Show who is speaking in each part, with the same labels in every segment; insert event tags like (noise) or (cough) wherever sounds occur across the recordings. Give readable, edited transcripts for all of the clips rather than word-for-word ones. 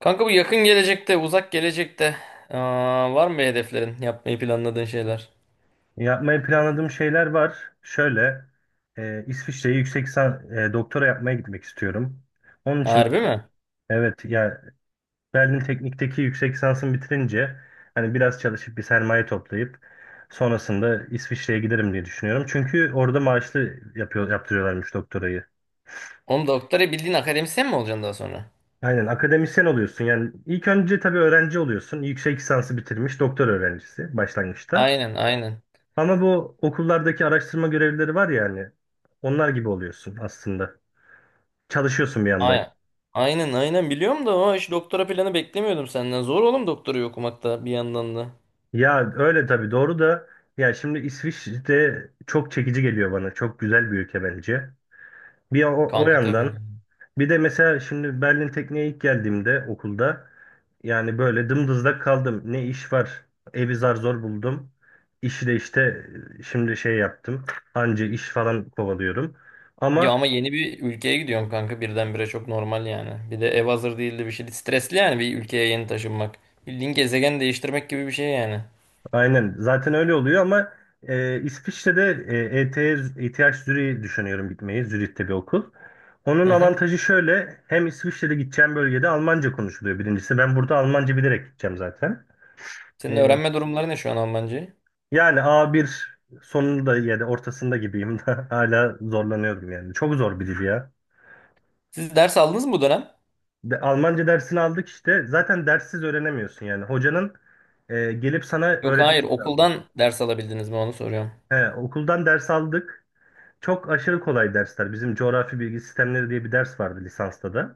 Speaker 1: Kanka bu yakın gelecekte, uzak gelecekte var mı bir hedeflerin, yapmayı planladığın şeyler?
Speaker 2: Yapmayı planladığım şeyler var. Şöyle, İsviçre'ye doktora yapmaya gitmek istiyorum. Onun için de-
Speaker 1: Harbi mi?
Speaker 2: evet ya. Berlin Teknik'teki yüksek lisansımı bitirince hani biraz çalışıp bir sermaye toplayıp sonrasında İsviçre'ye giderim diye düşünüyorum. Çünkü orada maaşlı yapıyor yaptırıyorlarmış doktorayı.
Speaker 1: Oğlum doktora bildiğin akademisyen mi olacaksın daha sonra?
Speaker 2: Aynen, akademisyen oluyorsun. Yani ilk önce tabii öğrenci oluyorsun. Yüksek lisansı bitirmiş doktor öğrencisi başlangıçta.
Speaker 1: Aynen, aynen.
Speaker 2: Ama bu okullardaki araştırma görevlileri var ya, hani onlar gibi oluyorsun aslında. Çalışıyorsun bir yandan.
Speaker 1: Aynen. Aynen, aynen biliyorum da o hiç doktora planı beklemiyordum senden. Zor oğlum doktorayı okumak da bir yandan da.
Speaker 2: Ya öyle tabii, doğru da, ya şimdi İsviçre çok çekici geliyor bana. Çok güzel bir ülke bence. Bir o
Speaker 1: Kanka tabii.
Speaker 2: yandan bir de mesela şimdi Berlin Tekniğe ilk geldiğimde okulda yani böyle dımdızlak kaldım. Ne iş var? Evi zar zor buldum. İşi de işte, şimdi şey yaptım. Anca iş falan kovalıyorum.
Speaker 1: Ya
Speaker 2: Ama
Speaker 1: ama yeni bir ülkeye gidiyorum kanka birdenbire çok normal yani. Bir de ev hazır değildi bir şey. Stresli yani bir ülkeye yeni taşınmak. Bildiğin gezegen değiştirmek gibi bir şey yani.
Speaker 2: Aynen. Zaten öyle oluyor ama, İsviçre'de, ETH, ETH Zürich'i düşünüyorum gitmeyi. Zürih'te bir okul. Onun
Speaker 1: Hı hı.
Speaker 2: avantajı şöyle. Hem İsviçre'de gideceğim bölgede Almanca konuşuluyor, birincisi. Ben burada Almanca bilerek gideceğim zaten.
Speaker 1: Senin
Speaker 2: E,
Speaker 1: öğrenme durumları ne şu an Almancayı?
Speaker 2: yani A1 sonunda ya da ortasında gibiyim, (laughs) da hala zorlanıyorum yani. Çok zor bir dil ya.
Speaker 1: Siz ders aldınız mı bu dönem?
Speaker 2: Almanca dersini aldık işte. Zaten derssiz öğrenemiyorsun yani. Hocanın gelip sana
Speaker 1: Yok, hayır,
Speaker 2: öğretmesi lazım.
Speaker 1: okuldan ders alabildiniz mi onu soruyorum.
Speaker 2: He, okuldan ders aldık. Çok aşırı kolay dersler. Bizim coğrafi bilgi sistemleri diye bir ders vardı lisansta da.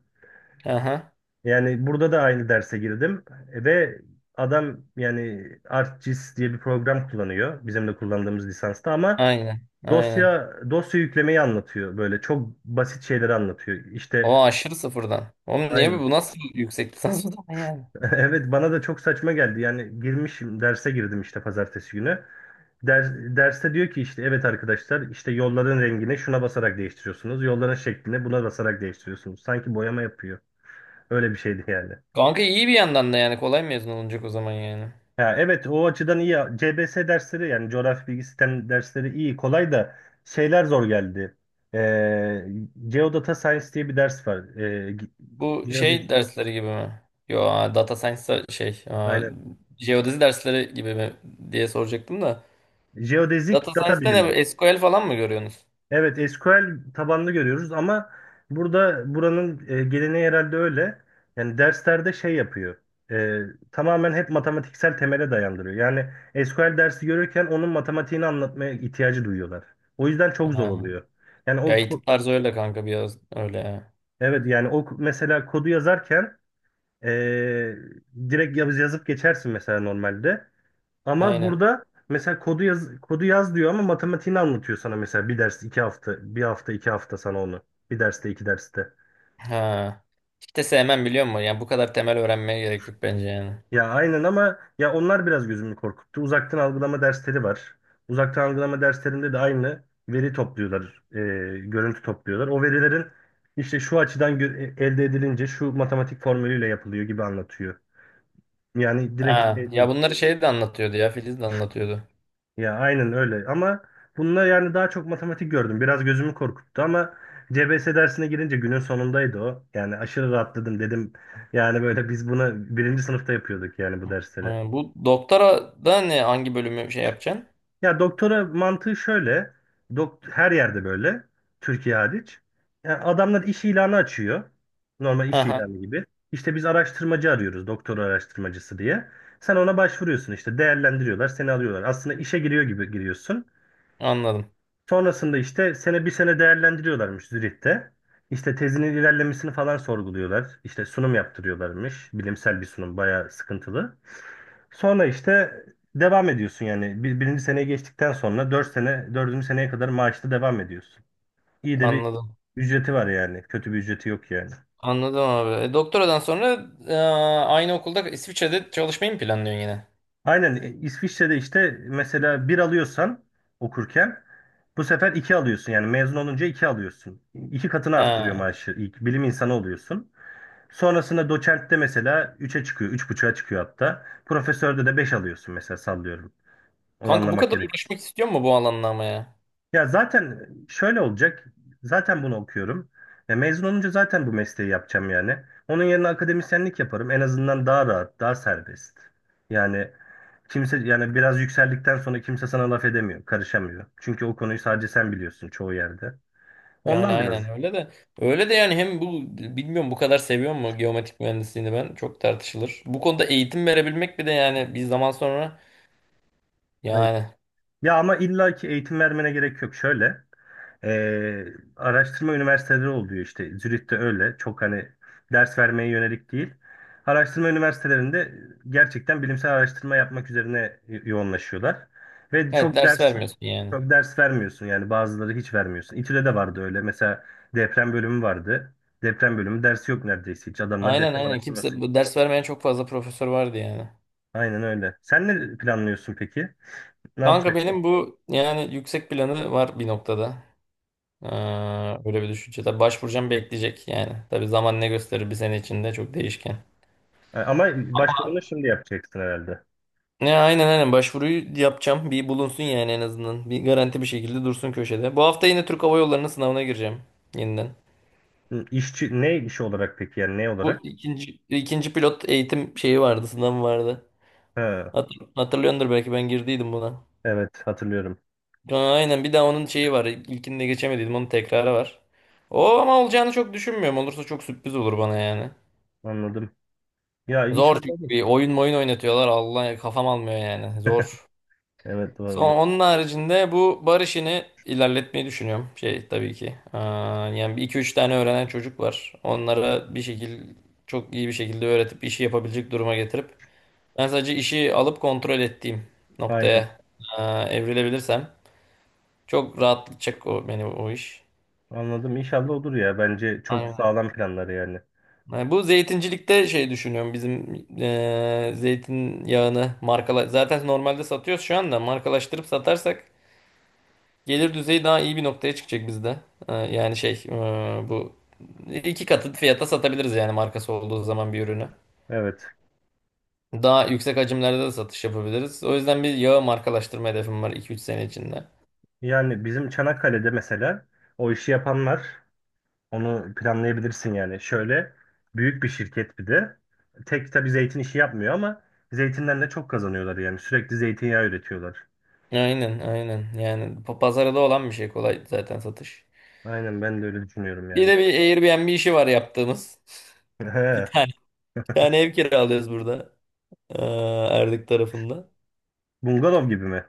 Speaker 1: Aha,
Speaker 2: Yani burada da aynı derse girdim. Ve adam yani ArcGIS diye bir program kullanıyor bizim de kullandığımız lisansta ama
Speaker 1: aynen aynen.
Speaker 2: dosya dosya yüklemeyi anlatıyor, böyle çok basit şeyleri anlatıyor. İşte
Speaker 1: O aşırı sıfırdan. Oğlum niye bu
Speaker 2: aynı.
Speaker 1: bu nasıl yüksek lisans bu da yani?
Speaker 2: (laughs) Evet, bana da çok saçma geldi. Yani girmişim, derse girdim işte pazartesi günü. Derste diyor ki, işte evet arkadaşlar, işte yolların rengini şuna basarak değiştiriyorsunuz. Yolların şeklini buna basarak değiştiriyorsunuz. Sanki boyama yapıyor. Öyle bir şeydi yani.
Speaker 1: Kanka iyi bir yandan da yani kolay mezun olunacak o zaman yani.
Speaker 2: Ha, evet, o açıdan iyi. CBS dersleri, yani coğrafya bilgi sistem dersleri iyi, kolay da şeyler zor geldi. Ee, Geodata Science diye bir ders var.
Speaker 1: Bu şey
Speaker 2: Geodezi,
Speaker 1: dersleri gibi mi? Yo, data science şey
Speaker 2: aynen.
Speaker 1: jeodezi dersleri gibi mi diye soracaktım da.
Speaker 2: Jeodezik
Speaker 1: Data
Speaker 2: data
Speaker 1: science'da ne
Speaker 2: bilimi.
Speaker 1: SQL falan mı görüyorsunuz?
Speaker 2: Evet, SQL tabanlı görüyoruz ama burada buranın geleneği herhalde öyle. Yani derslerde şey yapıyor. e, Tamamen hep matematiksel temele dayandırıyor. Yani SQL dersi görürken onun matematiğini anlatmaya ihtiyacı duyuyorlar. O yüzden çok zor
Speaker 1: Ha.
Speaker 2: oluyor. Yani o
Speaker 1: Ya eğitim
Speaker 2: ko-
Speaker 1: tarzı öyle kanka biraz öyle ya.
Speaker 2: evet, yani o mesela kodu yazarken e, direkt yazıp geçersin mesela normalde. Ama
Speaker 1: Aynen.
Speaker 2: burada mesela kodu yaz, kodu yaz diyor ama matematiğini anlatıyor sana, mesela bir ders 2 hafta, bir hafta 2 hafta sana onu, bir derste iki derste.
Speaker 1: Ha. İşte sevmem, biliyor musun? Yani bu kadar temel öğrenmeye gerek yok bence yani.
Speaker 2: Ya aynen ama ya onlar biraz gözümü korkuttu. Uzaktan algılama dersleri var. Uzaktan algılama derslerinde de aynı veri topluyorlar, görüntü topluyorlar. O verilerin işte şu açıdan elde edilince şu matematik formülüyle yapılıyor gibi anlatıyor. Yani
Speaker 1: Ha,
Speaker 2: direkt şey
Speaker 1: Yani ya
Speaker 2: değil.
Speaker 1: bunları şey de anlatıyordu, ya Filiz de anlatıyordu.
Speaker 2: Ya aynen öyle ama bununla yani daha çok matematik gördüm. Biraz gözümü korkuttu ama CBS dersine girince günün sonundaydı o. Yani aşırı rahatladım dedim. Yani böyle biz bunu birinci sınıfta yapıyorduk yani, bu dersleri.
Speaker 1: Ha, bu doktora da ne hangi bölümü şey yapacaksın?
Speaker 2: Ya doktora mantığı şöyle. Her yerde böyle. Türkiye hariç. Yani adamlar iş ilanı açıyor. Normal
Speaker 1: Ha
Speaker 2: iş
Speaker 1: ha,
Speaker 2: ilanı gibi. İşte biz araştırmacı arıyoruz, doktora araştırmacısı diye. Sen ona başvuruyorsun işte, değerlendiriyorlar, seni alıyorlar. Aslında işe giriyor gibi giriyorsun.
Speaker 1: anladım.
Speaker 2: Sonrasında işte bir sene değerlendiriyorlarmış Zürih'te. İşte tezinin ilerlemesini falan sorguluyorlar. İşte sunum yaptırıyorlarmış. Bilimsel bir sunum, bayağı sıkıntılı. Sonra işte devam ediyorsun yani. Birinci seneye geçtikten sonra dördüncü seneye kadar maaşlı devam ediyorsun. İyi de bir
Speaker 1: Anladım.
Speaker 2: ücreti var yani. Kötü bir ücreti yok yani.
Speaker 1: Anladım abi. Doktoradan sonra aynı okulda İsviçre'de çalışmayı mı planlıyorsun yine?
Speaker 2: Aynen, İsviçre'de işte mesela bir alıyorsan okurken, bu sefer iki alıyorsun. Yani mezun olunca iki alıyorsun. İki katını arttırıyor
Speaker 1: Ha.
Speaker 2: maaşı. İlk bilim insanı oluyorsun. Sonrasında doçentte mesela üçe çıkıyor, 3,5'a çıkıyor hatta. Profesörde de 5 alıyorsun mesela, sallıyorum.
Speaker 1: Kanka bu
Speaker 2: Oranlamak
Speaker 1: kadar
Speaker 2: gerek.
Speaker 1: uğraşmak istiyor mu bu alanla ama ya?
Speaker 2: Ya zaten şöyle olacak. Zaten bunu okuyorum. Ya mezun olunca zaten bu mesleği yapacağım yani. Onun yerine akademisyenlik yaparım. En azından daha rahat, daha serbest. Yani kimse, yani biraz yükseldikten sonra kimse sana laf edemiyor, karışamıyor. Çünkü o konuyu sadece sen biliyorsun çoğu yerde.
Speaker 1: Yani
Speaker 2: Ondan biraz.
Speaker 1: aynen öyle de. Öyle de yani hem bu bilmiyorum bu kadar seviyor mu geometrik mühendisliğini, ben çok tartışılır. Bu konuda eğitim verebilmek bir de yani bir zaman sonra. Yani.
Speaker 2: Ya ama illa ki eğitim vermene gerek yok. Şöyle, e, araştırma üniversiteleri oluyor işte. Zürich'te öyle. Çok hani ders vermeye yönelik değil. Araştırma üniversitelerinde gerçekten bilimsel araştırma yapmak üzerine yoğunlaşıyorlar. Ve
Speaker 1: Evet,
Speaker 2: çok
Speaker 1: ders
Speaker 2: ders
Speaker 1: vermiyorsun yani.
Speaker 2: Çok ders vermiyorsun yani, bazıları hiç vermiyorsun. İTÜ'de de vardı öyle. Mesela deprem bölümü vardı. Deprem bölümü dersi yok neredeyse hiç. Adamlar
Speaker 1: Aynen
Speaker 2: deprem
Speaker 1: aynen.
Speaker 2: araştırması.
Speaker 1: Kimse bu ders vermeyen çok fazla profesör vardı yani.
Speaker 2: Aynen öyle. Sen ne planlıyorsun peki? Ne
Speaker 1: Kanka
Speaker 2: yapacaksın?
Speaker 1: benim bu yani yüksek planı var bir noktada. Ee, Böyle bir düşünce. Tabii başvuracağım, bekleyecek yani. Tabii zaman ne gösterir, bir sene içinde çok değişken.
Speaker 2: Ama başvurunu şimdi yapacaksın herhalde.
Speaker 1: Ne, aynen aynen, başvuruyu yapacağım. Bir bulunsun yani, en azından. Bir garanti bir şekilde dursun köşede. Bu hafta yine Türk Hava Yolları'nın sınavına gireceğim yeniden.
Speaker 2: Hı, İşçi ne iş olarak peki, yani ne
Speaker 1: Bu
Speaker 2: olarak?
Speaker 1: ikinci pilot eğitim şeyi vardı, sınavı vardı.
Speaker 2: Ha,
Speaker 1: Hat- Hatırlıyordur belki, ben girdiydim buna.
Speaker 2: evet, hatırlıyorum.
Speaker 1: Ha, aynen bir daha onun şeyi var. İlkinde geçemediydim, onun tekrarı var. O ama olacağını çok düşünmüyorum. Olursa çok sürpriz olur bana yani.
Speaker 2: Anladım. Ya
Speaker 1: Zor
Speaker 2: inşallah
Speaker 1: çünkü
Speaker 2: olur.
Speaker 1: bir oyun oynatıyorlar. Allah kafam almıyor yani. Zor.
Speaker 2: Evet, bu arada.
Speaker 1: Son, onun haricinde bu bar işini ilerletmeyi düşünüyorum. Şey tabii ki. Yani bir iki üç tane öğrenen çocuk var. Onlara bir şekilde çok iyi bir şekilde öğretip işi yapabilecek duruma getirip ben sadece işi alıp kontrol ettiğim
Speaker 2: Aynen.
Speaker 1: noktaya evrilebilirsem çok rahatlatacak o, beni o iş.
Speaker 2: Anladım. İnşallah olur ya. Bence çok sağlam planları yani.
Speaker 1: Yani bu zeytincilikte şey düşünüyorum, bizim zeytin yağını markala, zaten normalde satıyoruz şu anda, markalaştırıp satarsak gelir düzeyi daha iyi bir noktaya çıkacak bizde. Yani şey, bu iki katı fiyata satabiliriz yani, markası olduğu zaman bir ürünü.
Speaker 2: Evet.
Speaker 1: Daha yüksek hacimlerde de satış yapabiliriz. O yüzden bir yağı markalaştırma hedefim var iki üç sene içinde.
Speaker 2: Yani bizim Çanakkale'de mesela o işi yapanlar, onu planlayabilirsin yani. Şöyle büyük bir şirket bir de. Tek tabii zeytin işi yapmıyor ama zeytinden de çok kazanıyorlar yani. Sürekli zeytinyağı üretiyorlar.
Speaker 1: Aynen aynen yani, pazarda olan bir şey kolay zaten satış.
Speaker 2: Aynen, ben de öyle düşünüyorum
Speaker 1: Bir
Speaker 2: yani.
Speaker 1: de bir Airbnb işi var yaptığımız.
Speaker 2: (laughs) He,
Speaker 1: (laughs) Bir tane, bir tane ev kiralıyoruz burada. Ee, Erdik tarafında.
Speaker 2: bungalov gibi mi?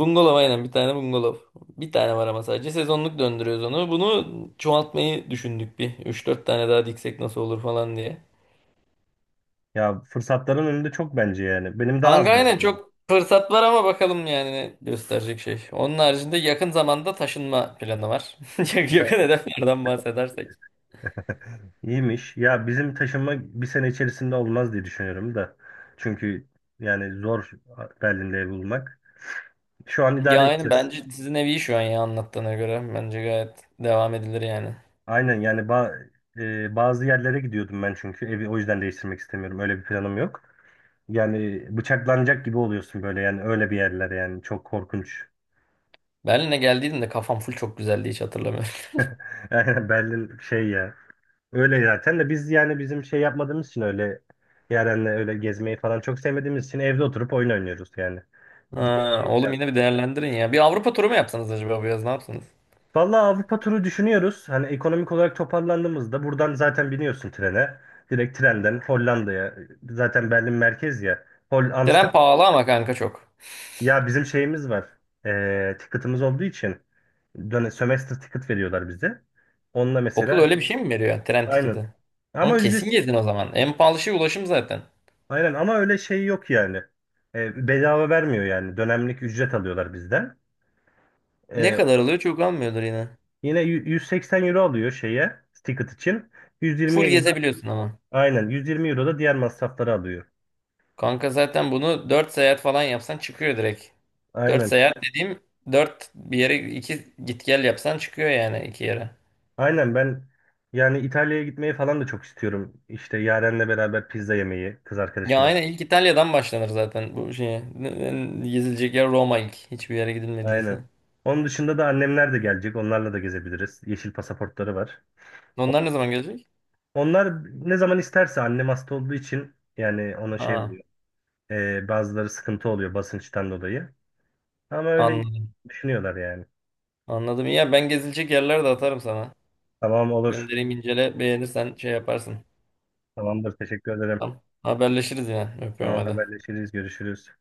Speaker 1: Bungalov aynen, bir tane bungalov. Bir tane var ama sadece sezonluk döndürüyoruz onu. Bunu çoğaltmayı düşündük bir, üç dört tane daha diksek nasıl olur falan diye.
Speaker 2: Ya fırsatların önünde çok, bence yani. Benim daha
Speaker 1: Kanka
Speaker 2: az var.
Speaker 1: aynen çok fırsat var ama bakalım yani ne gösterecek şey. Onun haricinde yakın zamanda taşınma planı var. (laughs) Yakın hedeflerden bahsedersek.
Speaker 2: İyiymiş. Ya bizim taşınma bir sene içerisinde olmaz diye düşünüyorum da. Çünkü yani zor Berlin'de ev bulmak. Şu an
Speaker 1: Ya
Speaker 2: idare
Speaker 1: aynen,
Speaker 2: edeceğiz.
Speaker 1: bence sizin evi iyi şu an, ya anlattığına göre. Bence gayet devam edilir yani.
Speaker 2: Aynen yani bazı yerlere gidiyordum ben çünkü evi o yüzden değiştirmek istemiyorum. Öyle bir planım yok. Yani bıçaklanacak gibi oluyorsun böyle, yani öyle bir yerler yani, çok korkunç.
Speaker 1: Berlin'e geldiğimde kafam full, çok güzeldi, hiç hatırlamıyorum.
Speaker 2: (laughs) Aynen, Berlin şey ya. Öyle zaten de biz yani bizim şey yapmadığımız için öyle, Yaren'le öyle gezmeyi falan çok sevmediğimiz için evde oturup oyun oynuyoruz yani. Gidecek
Speaker 1: Ha,
Speaker 2: şey
Speaker 1: oğlum, yine
Speaker 2: planlıyoruz.
Speaker 1: bir değerlendirin ya. Bir Avrupa turu mu yapsanız acaba bu yaz, ne yapsanız?
Speaker 2: Vallahi Avrupa turu düşünüyoruz. Hani ekonomik olarak toparlandığımızda buradan zaten biniyorsun trene. Direkt trenden Hollanda'ya. Zaten Berlin merkez ya.
Speaker 1: Tren
Speaker 2: Amsterdam.
Speaker 1: pahalı ama kanka, çok.
Speaker 2: Ya bizim şeyimiz var. Ticket'ımız olduğu için, semester ticket veriyorlar bize. Onunla
Speaker 1: Okul
Speaker 2: mesela
Speaker 1: öyle bir şey mi veriyor yani, tren
Speaker 2: aynı.
Speaker 1: tiketi? Onu
Speaker 2: Ama
Speaker 1: kesin
Speaker 2: ücretsiz.
Speaker 1: gezin o zaman. En pahalı şey ulaşım zaten.
Speaker 2: Aynen ama öyle şey yok yani. Bedava vermiyor yani. Dönemlik ücret alıyorlar bizden.
Speaker 1: Ne
Speaker 2: E,
Speaker 1: kadar alıyor, çok almıyordur yine.
Speaker 2: yine 180 € alıyor şeye, ticket için. 120
Speaker 1: Full
Speaker 2: euro da,
Speaker 1: gezebiliyorsun ama.
Speaker 2: aynen 120 € da diğer masrafları alıyor.
Speaker 1: Kanka zaten bunu 4 seyahat falan yapsan çıkıyor direkt. 4
Speaker 2: Aynen.
Speaker 1: seyahat dediğim, 4 bir yere, 2 git gel yapsan çıkıyor yani, iki yere.
Speaker 2: Aynen ben, yani İtalya'ya gitmeyi falan da çok istiyorum. İşte Yaren'le beraber pizza yemeyi, kız
Speaker 1: Ya
Speaker 2: arkadaşımla.
Speaker 1: aynen, ilk İtalya'dan başlanır zaten bu şeye. Gezilecek yer Roma, ilk. Hiçbir yere
Speaker 2: Aynen.
Speaker 1: gidilmediyse.
Speaker 2: Onun dışında da annemler de gelecek. Onlarla da gezebiliriz. Yeşil pasaportları var.
Speaker 1: Onlar ne zaman gelecek?
Speaker 2: Onlar ne zaman isterse, annem hasta olduğu için yani ona şey
Speaker 1: Ha.
Speaker 2: oluyor. Bazıları sıkıntı oluyor basınçtan dolayı. Ama öyle
Speaker 1: Anladım.
Speaker 2: düşünüyorlar yani.
Speaker 1: Anladım. İyi, ya ben gezilecek yerler de atarım sana.
Speaker 2: Tamam, olur.
Speaker 1: Göndereyim, incele. Beğenirsen şey yaparsın.
Speaker 2: Tamamdır. Teşekkür ederim.
Speaker 1: Tamam. Haberleşiriz yine. Öpüyorum,
Speaker 2: Tamam,
Speaker 1: hadi.
Speaker 2: haberleşiriz. Görüşürüz.